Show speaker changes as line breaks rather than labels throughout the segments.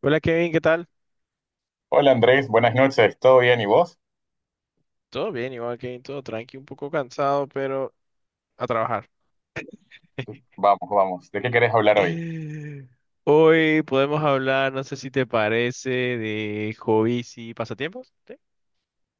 Hola Kevin, ¿qué tal?
Hola Andrés, buenas noches, ¿todo bien y vos?
Todo bien, igual Kevin, todo tranqui, un poco cansado, pero a trabajar.
Vamos, vamos, ¿de qué querés hablar hoy?
Hoy podemos hablar, no sé si te parece, de hobbies y pasatiempos. ¿Sí?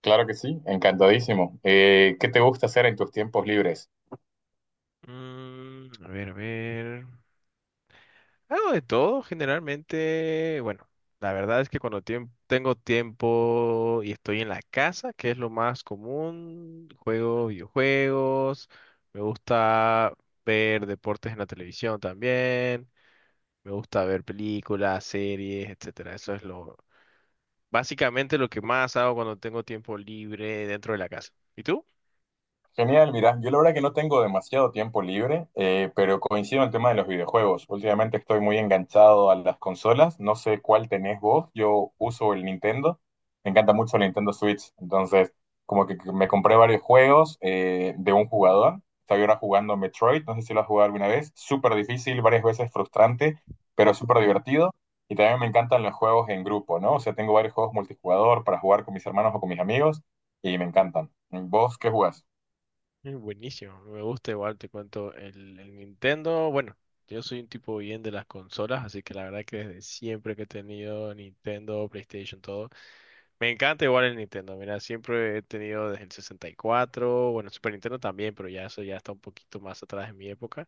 Claro que sí, encantadísimo. ¿Qué te gusta hacer en tus tiempos libres?
A ver, a ver. Algo de todo, generalmente. Bueno, la verdad es que cuando tengo tiempo y estoy en la casa, que es lo más común, juego videojuegos, me gusta ver deportes en la televisión también. Me gusta ver películas, series, etcétera. Eso es lo, básicamente lo que más hago cuando tengo tiempo libre dentro de la casa. ¿Y tú?
Genial, mira, yo la verdad que no tengo demasiado tiempo libre, pero coincido en el tema de los videojuegos. Últimamente estoy muy enganchado a las consolas, no sé cuál tenés vos, yo uso el Nintendo, me encanta mucho el Nintendo Switch, entonces como que me compré varios juegos de un jugador, estaba ahora jugando Metroid, no sé si lo has jugado alguna vez, súper difícil, varias veces frustrante, pero súper divertido, y también me encantan los juegos en grupo, ¿no? O sea, tengo varios juegos multijugador para jugar con mis hermanos o con mis amigos, y me encantan. ¿Vos qué jugás?
Buenísimo, me gusta igual, te cuento el Nintendo. Bueno, yo soy un tipo bien de las consolas, así que la verdad que desde siempre que he tenido Nintendo, PlayStation, todo, me encanta igual el Nintendo. Mira, siempre he tenido desde el 64, bueno, Super Nintendo también, pero ya eso ya está un poquito más atrás en mi época.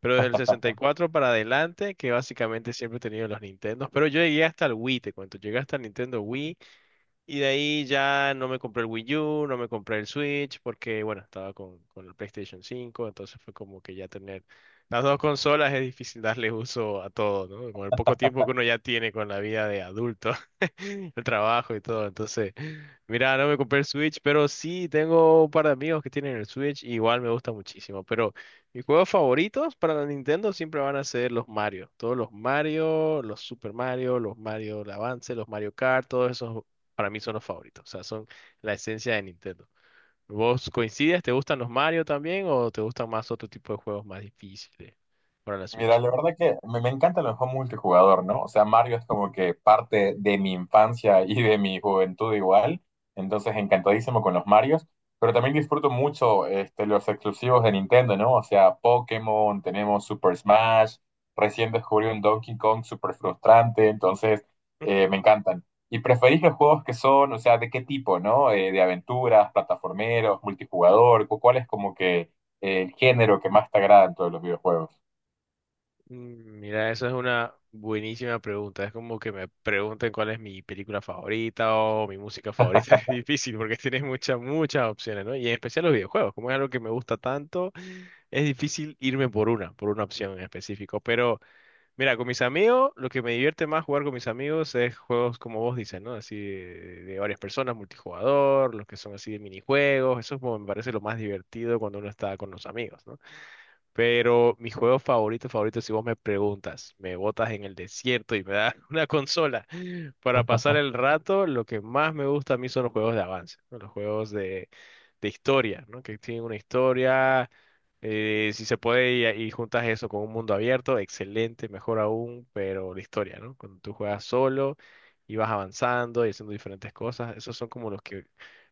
Pero desde el 64 para adelante, que básicamente siempre he tenido los Nintendos. Pero yo llegué hasta el Wii, te cuento. Llegué hasta el Nintendo Wii, y de ahí ya no me compré el Wii U, no me compré el Switch, porque bueno, estaba con el PlayStation 5, entonces fue como que ya tener las dos consolas es difícil darle uso a todo, ¿no? Con el poco tiempo que uno ya tiene con la vida de adulto, el trabajo y todo. Entonces, mira, no me compré el Switch, pero sí tengo un par de amigos que tienen el Switch, y igual me gusta muchísimo. Pero mis juegos favoritos para la Nintendo siempre van a ser los Mario. Todos los Mario, los Super Mario, los Mario Advance, los Mario Kart, todos esos para mí son los favoritos, o sea, son la esencia de Nintendo. ¿Vos coincides? ¿Te gustan los Mario también o te gustan más otro tipo de juegos más difíciles para la
Mira,
Switch?
la verdad que me encanta el juego multijugador, ¿no? O sea, Mario es como que parte de mi infancia y de mi juventud igual, entonces encantadísimo con los Marios, pero también disfruto mucho este, los exclusivos de Nintendo, ¿no? O sea, Pokémon, tenemos Super Smash, recién descubrí un Donkey Kong súper frustrante, entonces me encantan. ¿Y preferís los juegos que son, o sea, de qué tipo, ¿no? De aventuras, plataformeros, multijugador, ¿cuál es como que el género que más te agrada en todos los videojuegos?
Mira, eso es una buenísima pregunta. Es como que me pregunten cuál es mi película favorita o mi música favorita. Es difícil porque tienes muchas, muchas opciones, ¿no? Y en especial los videojuegos. Como es algo que me gusta tanto, es difícil irme por una opción en específico. Pero mira, con mis amigos, lo que me divierte más jugar con mis amigos es juegos como vos dices, ¿no? Así de varias personas, multijugador, los que son así de minijuegos. Eso es como me parece lo más divertido cuando uno está con los amigos, ¿no? Pero mi juego favorito, favorito, si vos me preguntas, me botas en el desierto y me das una consola, para pasar el rato, lo que más me gusta a mí son los juegos de avance, ¿no? Los juegos de historia, ¿no? Que tienen una historia, si se puede, y juntas eso con un mundo abierto, excelente, mejor aún, pero la historia, ¿no? Cuando tú juegas solo y vas avanzando y haciendo diferentes cosas, esos son como los que,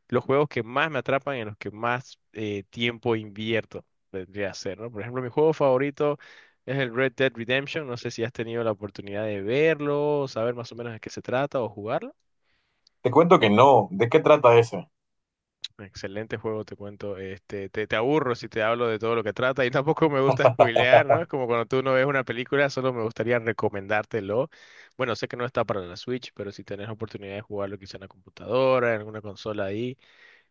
los juegos que más me atrapan y en los que más tiempo invierto, vendría a ser, ¿no? Por ejemplo, mi juego favorito es el Red Dead Redemption. No sé si has tenido la oportunidad de verlo, saber más o menos de qué se trata o jugarlo.
Te cuento que no. ¿De qué trata ese?
Excelente juego, te cuento. Este, te aburro si te hablo de todo lo que trata y tampoco me gusta spoilear, ¿no? Es como cuando tú no ves una película, solo me gustaría recomendártelo. Bueno, sé que no está para la Switch, pero si tenés oportunidad de jugarlo quizá en la computadora, en alguna consola ahí,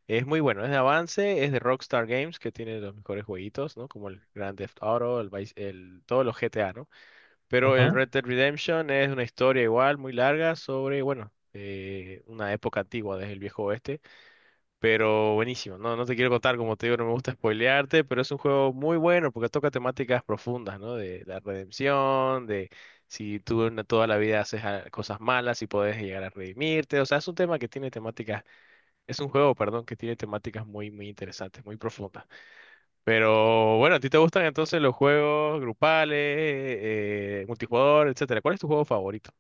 es muy bueno. Es de avance, es de Rockstar Games, que tiene los mejores jueguitos, ¿no? Como el Grand Theft Auto, todos los GTA, ¿no? Pero el
Ujú.
Red Dead Redemption es una historia igual, muy larga, sobre, bueno, una época antigua desde el viejo oeste, pero buenísimo. No, no te quiero contar, como te digo, no me gusta spoilearte, pero es un juego muy bueno porque toca temáticas profundas, ¿no? De la redempción, de si tú en toda la vida haces cosas malas y puedes llegar a redimirte. O sea, es un tema que tiene temáticas, es un juego, perdón, que tiene temáticas muy, muy interesantes, muy profundas. Pero bueno, ¿a ti te gustan entonces los juegos grupales, multijugador, etcétera? ¿Cuál es tu juego favorito?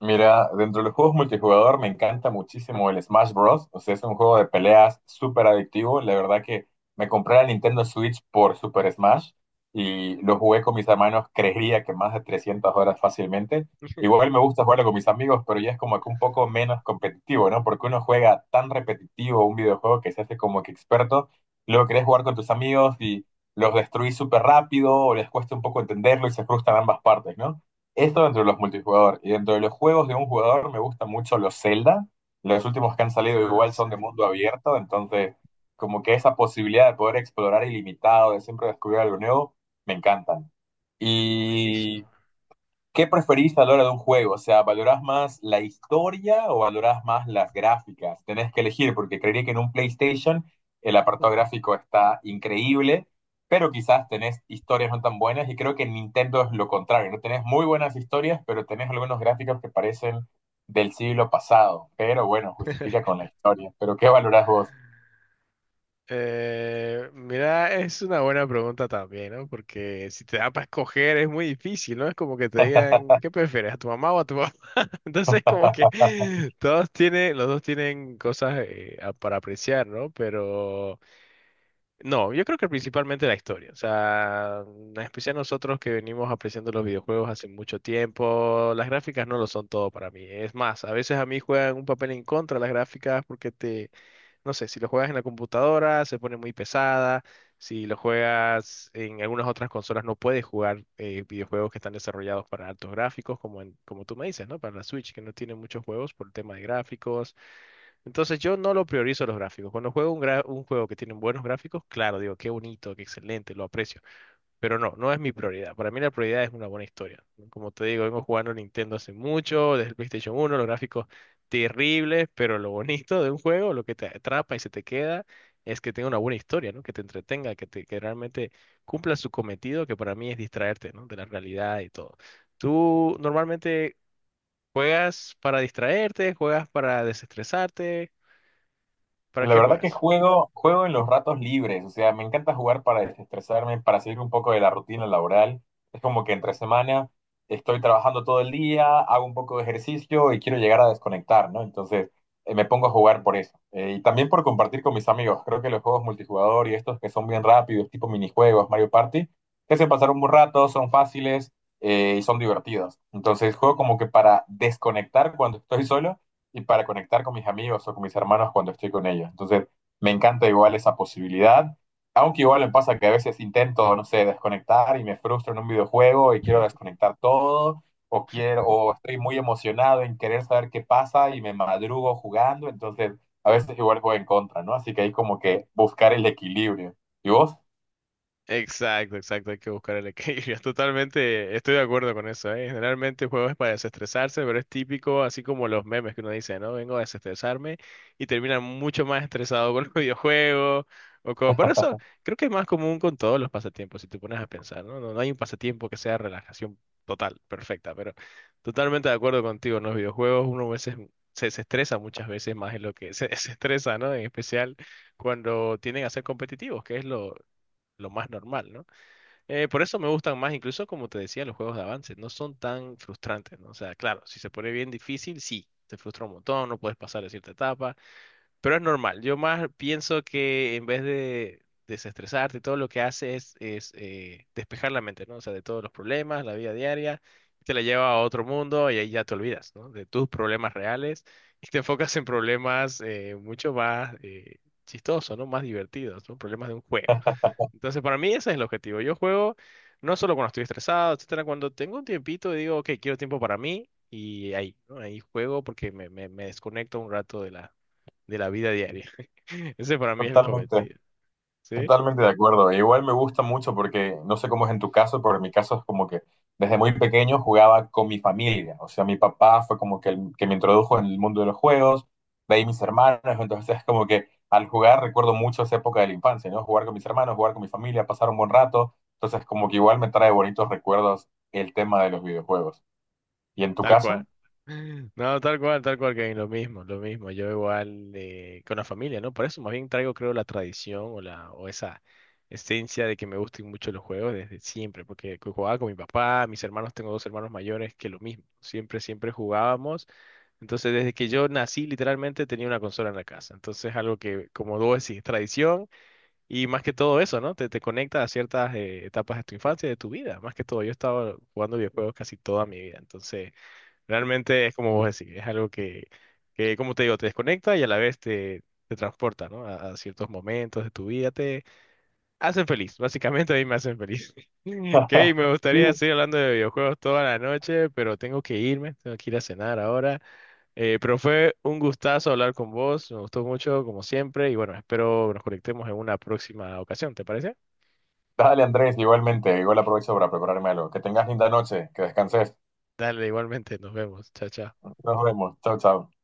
Mira, dentro de los juegos multijugador me encanta muchísimo el Smash Bros. O sea, es un juego de peleas súper adictivo. La verdad que me compré la Nintendo Switch por Super Smash y lo jugué con mis hermanos, creería que más de 300 horas fácilmente. Igual me gusta jugarlo con mis amigos, pero ya es como que un poco menos competitivo, ¿no? Porque uno juega tan repetitivo un videojuego que se hace como que experto. Luego querés jugar con tus amigos y los destruís súper rápido o les cuesta un poco entenderlo y se frustran ambas partes, ¿no? Esto dentro de los multijugador. Y dentro de los juegos de un jugador me gustan mucho los Zelda. Los últimos que han salido
Ah,
igual son
sí.
de mundo abierto, entonces como que esa posibilidad de poder explorar ilimitado, de siempre descubrir algo nuevo, me encantan.
Buenísimo.
Y ¿qué preferís a la hora de un juego? O sea, ¿valorás más la historia o valorás más las gráficas? Tenés que elegir, porque creería que en un PlayStation el apartado gráfico está increíble, pero quizás tenés historias no tan buenas, y creo que en Nintendo es lo contrario, no tenés muy buenas historias, pero tenés algunos gráficos que parecen del siglo pasado, pero bueno, justifica con la historia. ¿Pero qué valorás vos?
Mira, es una buena pregunta también, ¿no? Porque si te da para escoger es muy difícil, ¿no? Es como que te digan, ¿qué prefieres, a tu mamá o a tu papá? Entonces, como que todos tienen, los dos tienen cosas para apreciar, ¿no? Pero no, yo creo que principalmente la historia. O sea, en especial nosotros que venimos apreciando los videojuegos hace mucho tiempo, las gráficas no lo son todo para mí. Es más, a veces a mí juegan un papel en contra las gráficas porque te no sé, si lo juegas en la computadora se pone muy pesada, si lo juegas en algunas otras consolas no puedes jugar videojuegos que están desarrollados para altos gráficos, como tú me dices, ¿no? Para la Switch, que no tiene muchos juegos por el tema de gráficos. Entonces yo no lo priorizo los gráficos. Cuando juego un juego que tiene buenos gráficos, claro, digo, qué bonito, qué excelente, lo aprecio. Pero no, no es mi prioridad. Para mí la prioridad es una buena historia. Como te digo, vengo jugando Nintendo hace mucho, desde el PlayStation uno los gráficos terribles, pero lo bonito de un juego, lo que te atrapa y se te queda, es que tenga una buena historia, ¿no? Que te entretenga, que realmente cumpla su cometido, que para mí es distraerte, ¿no? De la realidad y todo. ¿Tú normalmente juegas para distraerte, juegas para desestresarte? ¿Para
La
qué
verdad que
juegas?
juego en los ratos libres, o sea, me encanta jugar para desestresarme, para salir un poco de la rutina laboral. Es como que entre semana estoy trabajando todo el día, hago un poco de ejercicio y quiero llegar a desconectar, ¿no? Entonces, me pongo a jugar por eso. Y también por compartir con mis amigos. Creo que los juegos multijugador y estos que son bien rápidos, tipo minijuegos, Mario Party, te hacen pasar un buen rato, son fáciles y son divertidos. Entonces, juego como que para desconectar cuando estoy solo y para conectar con mis amigos o con mis hermanos cuando estoy con ellos. Entonces, me encanta igual esa posibilidad, aunque igual me pasa que a veces intento, no sé, desconectar y me frustro en un videojuego y quiero desconectar todo, o quiero, o estoy muy emocionado en querer saber qué pasa y me madrugo jugando, entonces a veces igual voy en contra, ¿no? Así que hay como que buscar el equilibrio. ¿Y vos?
Exacto, exacto, hay que buscar el equilibrio. Totalmente estoy de acuerdo con eso, ¿eh? Generalmente el juego es para desestresarse, pero es típico, así como los memes que uno dice, ¿no? Vengo a desestresarme y terminan mucho más estresado con los videojuegos o como... Por eso creo que es más común con todos los pasatiempos, si te pones a pensar, ¿no? No, no hay un pasatiempo que sea relajación total, perfecta, pero totalmente de acuerdo contigo, en los videojuegos uno a veces se desestresa muchas veces más en lo que se desestresa, ¿no? En especial cuando tienden a ser competitivos, que es lo, lo más normal, ¿no? Por eso me gustan más, incluso como te decía, los juegos de avance, no son tan frustrantes, ¿no? O sea, claro, si se pone bien difícil, sí, te frustra un montón, no puedes pasar de cierta etapa, pero es normal. Yo más pienso que en vez de desestresarte, todo lo que hace es despejar la mente, ¿no? O sea, de todos los problemas, la vida diaria, te la lleva a otro mundo y ahí ya te olvidas, ¿no? De tus problemas reales y te enfocas en problemas mucho más chistosos, ¿no? Más divertidos, ¿no? Problemas de un juego. Entonces, para mí ese es el objetivo. Yo juego no solo cuando estoy estresado, etcétera, cuando tengo un tiempito y digo, ok, quiero tiempo para mí y ahí, ¿no? Ahí juego porque me desconecto un rato de de la vida diaria. Ese para mí es el
Totalmente.
cometido, ¿sí?
Totalmente de acuerdo. E igual me gusta mucho porque no sé cómo es en tu caso, pero en mi caso es como que desde muy pequeño jugaba con mi familia. O sea, mi papá fue como que el que me introdujo en el mundo de los juegos, de ahí mis hermanos. Entonces es como que al jugar recuerdo mucho esa época de la infancia, ¿no? Jugar con mis hermanos, jugar con mi familia, pasar un buen rato. Entonces como que igual me trae bonitos recuerdos el tema de los videojuegos. ¿Y en tu
Tal
caso?
cual. No, tal cual, Kevin, lo mismo, lo mismo. Yo igual con la familia, ¿no? Por eso más bien traigo, creo, la tradición o la o esa esencia de que me gusten mucho los juegos desde siempre, porque jugaba con mi papá, mis hermanos, tengo dos hermanos mayores que lo mismo. Siempre, siempre jugábamos. Entonces, desde que yo nací, literalmente tenía una consola en la casa. Entonces, algo que, como vos decís, es tradición y más que todo eso, ¿no? Te conecta a ciertas etapas de tu infancia, de tu vida. Más que todo, yo he estado jugando videojuegos casi toda mi vida. Entonces... Realmente es como vos decís, es algo que, como te digo, te desconecta y a la vez te transporta, ¿no? A ciertos momentos de tu vida, te hacen feliz, básicamente a mí me hacen feliz. Ok, me gustaría
Sí.
seguir hablando de videojuegos toda la noche, pero tengo que irme, tengo que ir a cenar ahora. Pero fue un gustazo hablar con vos, me gustó mucho, como siempre, y bueno, espero nos conectemos en una próxima ocasión, ¿te parece?
Dale, Andrés, igualmente. Igual aprovecho para prepararme algo. Que tengas linda noche, que descanses.
Dale, igualmente, nos vemos, chao, chao.
Nos vemos. Chao, chao.